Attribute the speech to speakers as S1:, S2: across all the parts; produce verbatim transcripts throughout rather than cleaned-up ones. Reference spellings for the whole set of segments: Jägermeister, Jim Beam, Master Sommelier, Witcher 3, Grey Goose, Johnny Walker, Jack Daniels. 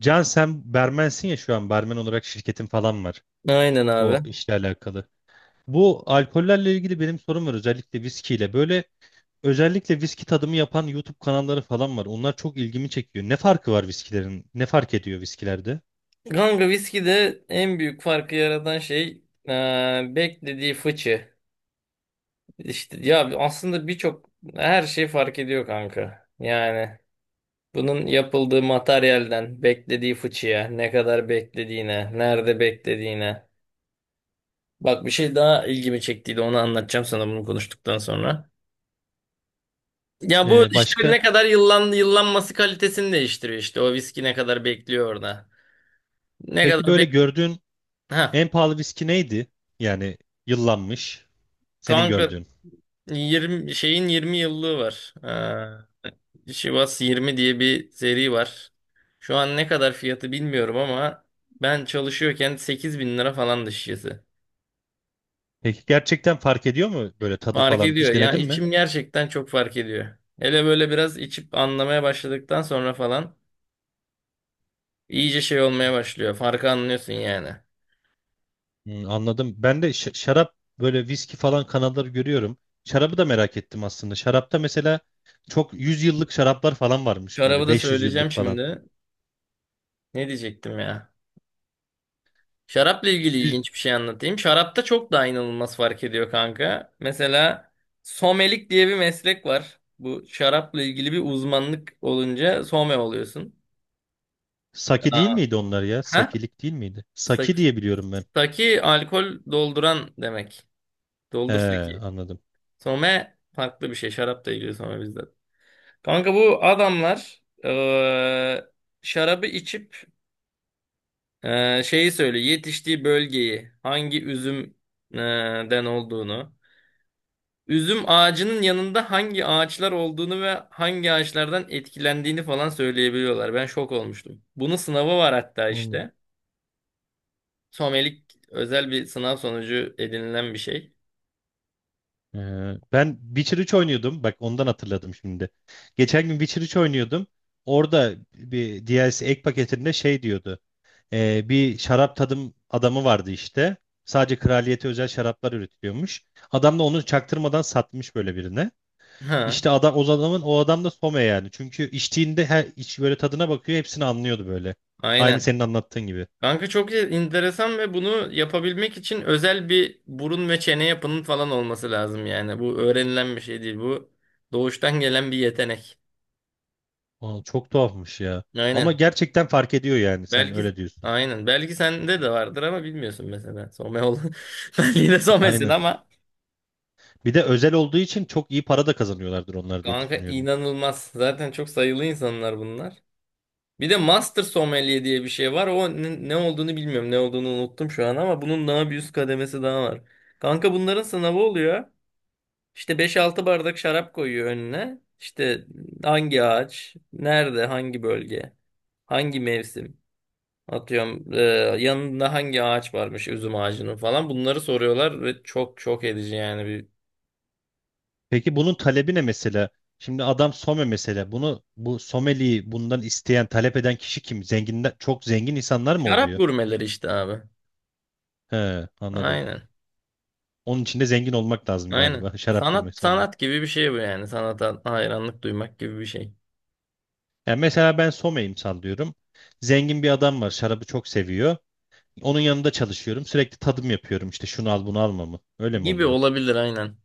S1: Can sen barmensin ya şu an barmen olarak şirketin falan var
S2: Aynen abi.
S1: o işle alakalı. Bu alkollerle ilgili benim sorum var özellikle viskiyle. Böyle özellikle viski tadımı yapan YouTube kanalları falan var. Onlar çok ilgimi çekiyor. Ne farkı var viskilerin? Ne fark ediyor viskilerde?
S2: Kanka viskide en büyük farkı yaratan şey eee, beklediği fıçı. İşte ya aslında birçok her şey fark ediyor kanka. Yani bunun yapıldığı materyalden beklediği fıçıya, ne kadar beklediğine, nerede beklediğine. Bak bir şey daha ilgimi çektiydi onu anlatacağım sana bunu konuştuktan sonra. Ya bu
S1: Ee,
S2: işte
S1: başka?
S2: ne kadar yıllan, yıllanması kalitesini değiştiriyor işte o viski ne kadar bekliyor orada. Ne
S1: Peki
S2: kadar
S1: böyle
S2: bek...
S1: gördüğün
S2: Ha.
S1: en pahalı viski neydi? Yani yıllanmış senin
S2: Kanka
S1: gördüğün.
S2: yirmi şeyin yirmi yıllığı var. Ee, Şivas yirmi diye bir seri var. Şu an ne kadar fiyatı bilmiyorum ama ben çalışıyorken sekiz bin lira falan şişesi.
S1: Peki gerçekten fark ediyor mu böyle tadı
S2: Fark
S1: falan?
S2: ediyor.
S1: Hiç
S2: Ya
S1: denedin mi?
S2: içim gerçekten çok fark ediyor. Hele böyle biraz içip anlamaya başladıktan sonra falan iyice şey olmaya başlıyor. Farkı anlıyorsun yani.
S1: Hmm, anladım. Ben de ş- şarap böyle viski falan kanalları görüyorum. Şarabı da merak ettim aslında. Şarapta mesela çok yüz yıllık şaraplar falan varmış
S2: Şarabı
S1: böyle
S2: da
S1: beş yüz
S2: söyleyeceğim
S1: yıllık falan.
S2: şimdi. Ne diyecektim ya? Şarapla ilgili
S1: yüz.
S2: ilginç bir şey anlatayım. Şarapta çok daha inanılmaz fark ediyor kanka. Mesela somelik diye bir meslek var. Bu şarapla ilgili bir uzmanlık olunca some oluyorsun.
S1: Sake değil
S2: Aa,
S1: miydi onlar ya?
S2: ha?
S1: Sakilik değil miydi?
S2: Saki,
S1: Saki diye biliyorum ben.
S2: saki alkol dolduran demek.
S1: He,
S2: Doldur saki.
S1: anladım.
S2: Some farklı bir şey. Şarapla ilgili some bizde. Kanka bu adamlar eee, şarabı içip eee, şeyi söylüyor. Yetiştiği bölgeyi hangi üzümden olduğunu. Üzüm ağacının yanında hangi ağaçlar olduğunu ve hangi ağaçlardan etkilendiğini falan söyleyebiliyorlar. Ben şok olmuştum. Bunun sınavı var hatta
S1: Ondan.
S2: işte. Somelik özel bir sınav sonucu edinilen bir şey.
S1: Ee, Ben Witcher üç oynuyordum. Bak ondan hatırladım şimdi. Geçen gün Witcher üç oynuyordum. Orada bir D L C ek paketinde şey diyordu. Ee, bir şarap tadım adamı vardı işte. Sadece kraliyete özel şaraplar üretiliyormuş. Adam da onu çaktırmadan satmış böyle birine.
S2: Ha,
S1: İşte adam o adamın o adam da sommelier yani. Çünkü içtiğinde her iç böyle tadına bakıyor, hepsini anlıyordu böyle. Aynı
S2: aynen.
S1: senin anlattığın gibi.
S2: Kanka çok enteresan ve bunu yapabilmek için özel bir burun ve çene yapının falan olması lazım yani. Bu öğrenilen bir şey değil. Bu doğuştan gelen bir yetenek.
S1: Aa, çok tuhafmış ya. Ama
S2: Aynen.
S1: gerçekten fark ediyor yani sen
S2: Belki
S1: öyle diyorsun.
S2: aynen. Belki sende de vardır ama bilmiyorsun mesela. Some ol. Ben yine somesin
S1: Aynen.
S2: ama.
S1: Bir de özel olduğu için çok iyi para da kazanıyorlardır onlar diye
S2: Kanka
S1: düşünüyorum.
S2: inanılmaz. Zaten çok sayılı insanlar bunlar. Bir de Master Sommelier diye bir şey var. O ne, ne olduğunu bilmiyorum. Ne olduğunu unuttum şu an ama bunun daha bir üst kademesi daha var. Kanka bunların sınavı oluyor. İşte beş altı bardak şarap koyuyor önüne. İşte hangi ağaç, nerede, hangi bölge, hangi mevsim. Atıyorum e, yanında hangi ağaç varmış üzüm ağacının falan. Bunları soruyorlar ve çok çok edici yani bir.
S1: Peki bunun talebi ne mesela? Şimdi adam some mesela. Bunu bu someliyi bundan isteyen, talep eden kişi kim? Zenginden çok zengin insanlar mı
S2: Şarap
S1: oluyor?
S2: gurmeleri işte abi.
S1: He, anladım.
S2: Aynen.
S1: Onun için de zengin olmak lazım
S2: Aynen.
S1: galiba. Şarap
S2: Sanat
S1: gurmesi olmak.
S2: sanat gibi bir şey bu yani. Sanata hayranlık duymak gibi bir şey.
S1: Yani mesela ben someyim sallıyorum. Zengin bir adam var. Şarabı çok seviyor. Onun yanında çalışıyorum. Sürekli tadım yapıyorum. İşte şunu al bunu alma mı? Öyle mi
S2: Gibi
S1: oluyor?
S2: olabilir aynen.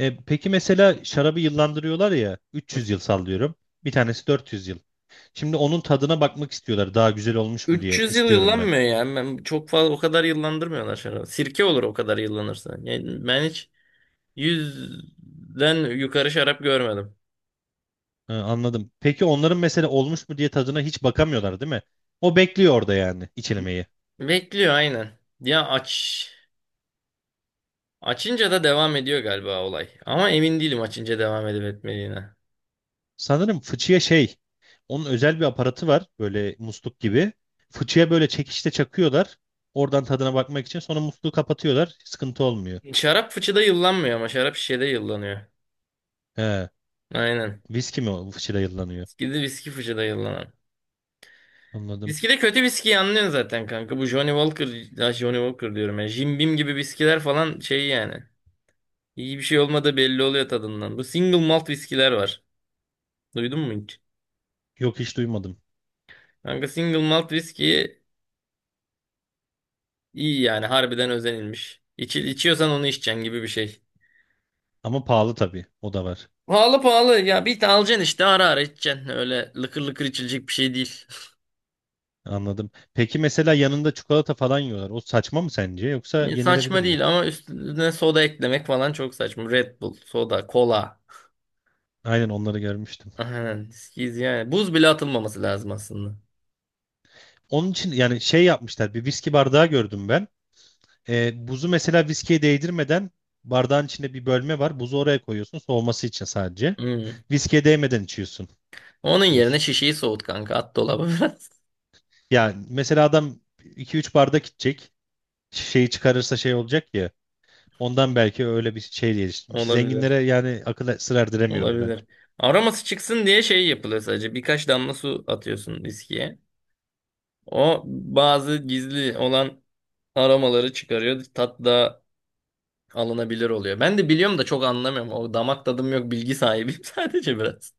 S1: E, peki mesela şarabı yıllandırıyorlar ya.
S2: Hı.
S1: üç yüz yıl sallıyorum. Bir tanesi dört yüz yıl. Şimdi onun tadına bakmak istiyorlar. Daha güzel olmuş mu diye
S2: üç yüz yıl
S1: istiyorum ben.
S2: yıllanmıyor yani. Ben çok fazla o kadar yıllandırmıyorlar şarabı. Sirke olur o kadar yıllanırsa. Yani ben hiç yüzden yukarı şarap görmedim.
S1: Ha, anladım. Peki onların mesela olmuş mu diye tadına hiç bakamıyorlar değil mi? O bekliyor orada yani içilmeyi.
S2: Bekliyor aynen. Ya aç açınca da devam ediyor galiba olay. Ama emin değilim açınca devam edip etmediğine.
S1: Sanırım fıçıya şey, onun özel bir aparatı var böyle musluk gibi. Fıçıya böyle çekişte çakıyorlar. Oradan tadına bakmak için sonra musluğu kapatıyorlar. Sıkıntı olmuyor.
S2: Şarap fıçıda yıllanmıyor ama şarap şişede yıllanıyor.
S1: He,
S2: Aynen.
S1: viski mi o fıçıda yıllanıyor?
S2: Viski de viski fıçıda yıllanan.
S1: Anladım.
S2: Viskide kötü viskiyi anlıyorsun zaten kanka. Bu Johnny Walker, ya Johnny Walker diyorum ya. Jim Beam gibi viskiler falan şey yani. İyi bir şey olmadığı belli oluyor tadından. Bu single malt viskiler var. Duydun mu hiç?
S1: Yok hiç duymadım.
S2: Kanka single malt viski iyi yani harbiden özenilmiş. İçi, içiyorsan onu içeceksin gibi bir şey.
S1: Ama pahalı tabii. O da var.
S2: Pahalı pahalı ya bir tane alacaksın işte ara ara içeceksin. Öyle lıkır lıkır içilecek bir şey değil.
S1: Anladım. Peki mesela yanında çikolata falan yiyorlar. O saçma mı sence yoksa yenilebilir
S2: Saçma
S1: mi?
S2: değil ama üstüne soda eklemek falan çok saçma. Red Bull, soda, kola.
S1: Aynen onları görmüştüm.
S2: Aynen. Viski yani. Buz bile atılmaması lazım aslında.
S1: Onun için yani şey yapmışlar. Bir viski bardağı gördüm ben. Ee, buzu mesela viskiye değdirmeden bardağın içinde bir bölme var. Buzu oraya koyuyorsun soğuması için sadece.
S2: Hmm.
S1: Viskiye değmeden içiyorsun
S2: Onun yerine
S1: buz.
S2: şişeyi soğut kanka. At dolaba biraz.
S1: Yani mesela adam iki üç bardak içecek. Şeyi çıkarırsa şey olacak ya. Ondan belki öyle bir şey geliştirmiş. Zenginlere
S2: Olabilir.
S1: yani akıl sır erdiremiyorum ben.
S2: Olabilir. Aroması çıksın diye şey yapılıyor sadece. Birkaç damla su atıyorsun viskiye. O bazı gizli olan aromaları çıkarıyor. Tat da alınabilir oluyor. Ben de biliyorum da çok anlamıyorum. O damak tadım yok. Bilgi sahibiyim sadece biraz.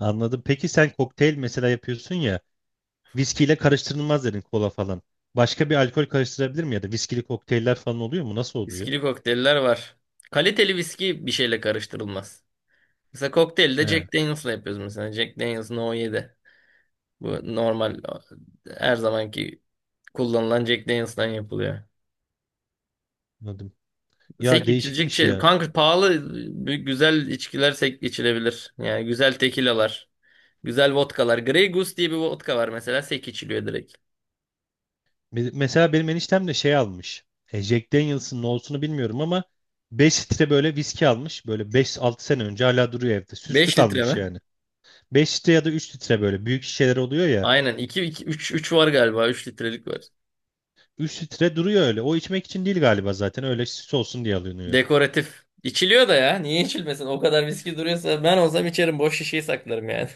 S1: Anladım. Peki sen kokteyl mesela yapıyorsun ya, viskiyle karıştırılmaz dedin kola falan. Başka bir alkol karıştırabilir mi ya da viskili kokteyller falan oluyor mu? Nasıl oluyor?
S2: Viskili kokteyller var. Kaliteli viski bir şeyle karıştırılmaz. Mesela kokteylde
S1: He,
S2: Jack Daniels'la yapıyoruz mesela. Jack Daniels No yedi. Bu normal her zamanki kullanılan Jack Daniels'tan yapılıyor.
S1: anladım. Ya
S2: Sek içilecek
S1: değişikmiş
S2: şey.
S1: ya.
S2: Kanka pahalı e, güzel içkiler sek içilebilir. Yani güzel tekilalar. Güzel vodkalar. Grey Goose diye bir vodka var mesela. Sek içiliyor direkt.
S1: Me- Mesela benim eniştem de şey almış. E, Jack Daniels'ın ne olsunu bilmiyorum ama beş litre böyle viski almış. Böyle beş altı sene önce hala duruyor evde. Süslü
S2: Beş litre
S1: kalmış
S2: mi?
S1: yani. Beş litre ya da üç litre böyle büyük şişeler oluyor ya.
S2: Aynen. iki iki üç üç var galiba. Üç litrelik var.
S1: Üç litre duruyor öyle. O içmek için değil galiba zaten. Öyle süs olsun diye alınıyor.
S2: Dekoratif. İçiliyor da ya. Niye içilmesin? O kadar viski duruyorsa ben olsam içerim. Boş şişeyi saklarım yani.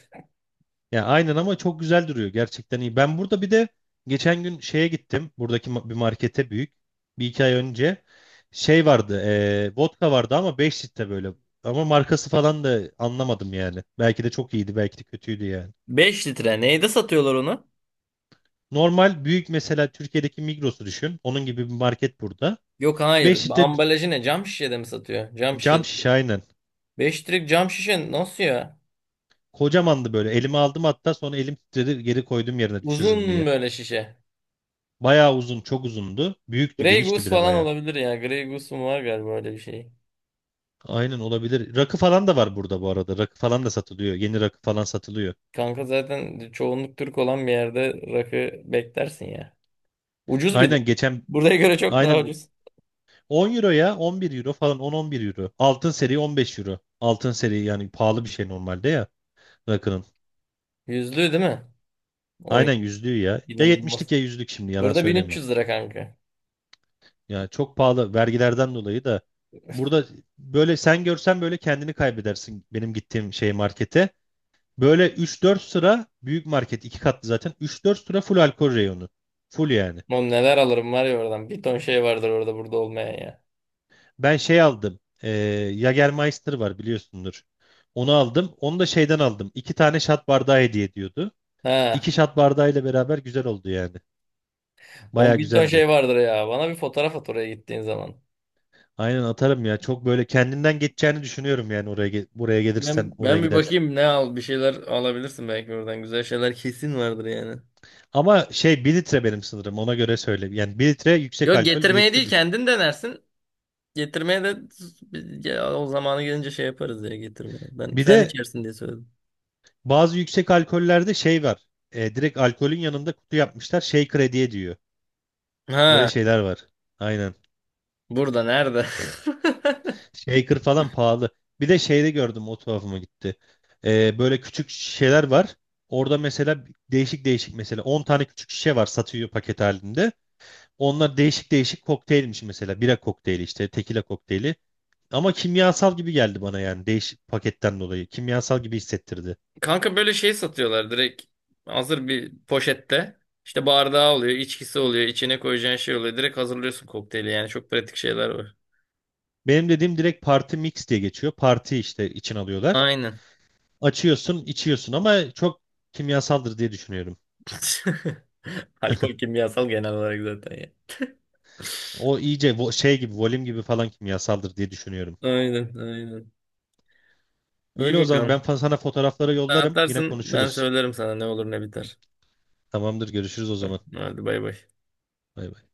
S1: Ya aynen ama çok güzel duruyor. Gerçekten iyi. Ben burada bir de geçen gün şeye gittim. Buradaki ma- bir markete büyük. Bir iki ay önce şey vardı. E, vodka vardı ama beş litre böyle. Ama markası falan da anlamadım yani. Belki de çok iyiydi, belki de kötüydü yani.
S2: Beş litre. Neyde satıyorlar onu?
S1: Normal büyük mesela Türkiye'deki Migros'u düşün. Onun gibi bir market burada.
S2: Yok hayır.
S1: beş litre
S2: Ambalajı ne? Cam şişede mi satıyor? Cam şişede.
S1: cam şişe aynen.
S2: Beş litrelik cam şişe nasıl ya?
S1: Kocamandı böyle. Elime aldım hatta sonra elim titredi geri koydum yerine düşürürüm
S2: Uzun
S1: diye.
S2: böyle şişe.
S1: Bayağı uzun, çok uzundu. Büyüktü,
S2: Grey
S1: genişti
S2: Goose
S1: bir de
S2: falan
S1: bayağı.
S2: olabilir ya. Grey Goose mu var galiba öyle bir şey.
S1: Aynen olabilir. Rakı falan da var burada bu arada. Rakı falan da satılıyor. Yeni rakı falan satılıyor.
S2: Kanka zaten çoğunluk Türk olan bir yerde rakı beklersin ya. Ucuz bir de.
S1: Aynen geçen
S2: Buraya göre çok daha
S1: aynen
S2: ucuz.
S1: on euro ya on bir euro falan on-on bir euro. Altın seri on beş euro. Altın seri yani pahalı bir şey normalde ya rakının.
S2: Yüzlü değil mi? O
S1: Aynen yüzlüğü ya. Ya yetmişlik
S2: inanılmaz.
S1: ya yüzlük şimdi yalan
S2: Burada bin üç
S1: söylemeyeyim.
S2: yüz lira kanka.
S1: Ya çok pahalı vergilerden dolayı da burada böyle sen görsen böyle kendini kaybedersin benim gittiğim şey markete. Böyle üç dört sıra büyük market iki katlı zaten üç dört sıra full alkol reyonu. Full yani.
S2: Oğlum neler alırım var ya oradan. Bir ton şey vardır orada burada olmayan ya.
S1: Ben şey aldım. E, Jagermeister var biliyorsundur. Onu aldım. Onu da şeyden aldım. İki tane şat bardağı hediye ediyordu.
S2: Ha.
S1: İki şat bardağıyla beraber güzel oldu yani.
S2: On
S1: Baya
S2: bir ton
S1: güzeldi.
S2: şey vardır ya. Bana bir fotoğraf at oraya gittiğin zaman.
S1: Aynen atarım ya. Çok böyle kendinden geçeceğini düşünüyorum yani oraya ge- buraya
S2: Ben,
S1: gelirsen, oraya
S2: ben bir
S1: gidersen.
S2: bakayım ne al bir şeyler alabilirsin belki oradan. Güzel şeyler kesin vardır yani.
S1: Ama şey bir litre benim sınırım. Ona göre söyle. Yani bir litre yüksek
S2: Yok
S1: alkol, bir
S2: getirmeye
S1: litre
S2: değil
S1: düş.
S2: kendin denersin. Getirmeye de ya, o zamanı gelince şey yaparız ya getirmeye. Ben
S1: Bir
S2: sen
S1: de
S2: içersin diye söyledim.
S1: bazı yüksek alkollerde şey var. E, direkt alkolün yanında kutu yapmışlar. Şey krediye diyor. Öyle
S2: Ha
S1: şeyler var. Aynen.
S2: burada nerede?
S1: Shaker falan pahalı. Bir de şeyde gördüm o tuhafıma gitti. Ee, böyle küçük şişeler var. Orada mesela değişik değişik mesela on tane küçük şişe var satıyor paket halinde. Onlar değişik değişik kokteylmiş mesela. Bira kokteyli işte tekila kokteyli. Ama kimyasal gibi geldi bana yani değişik paketten dolayı. Kimyasal gibi hissettirdi.
S2: Kanka böyle şey satıyorlar direkt hazır bir poşette. İşte bardağı oluyor, içkisi oluyor, içine koyacağın şey oluyor. Direkt hazırlıyorsun kokteyli yani çok pratik şeyler var.
S1: Benim dediğim direkt party mix diye geçiyor. Parti işte için alıyorlar.
S2: Aynen.
S1: Açıyorsun içiyorsun ama çok kimyasaldır diye düşünüyorum.
S2: Alkol kimyasal genel olarak zaten ya.
S1: O iyice vo- şey gibi volüm gibi falan kimyasaldır diye düşünüyorum.
S2: Aynen, aynen. İyi
S1: Öyle o zaman ben
S2: bakalım.
S1: fa- sana fotoğrafları
S2: Sen
S1: yollarım. Yine
S2: atarsın, ben
S1: konuşuruz.
S2: söylerim sana ne olur ne biter.
S1: Tamamdır, görüşürüz o
S2: Tamam,
S1: zaman.
S2: hadi bay bay.
S1: Bay bay.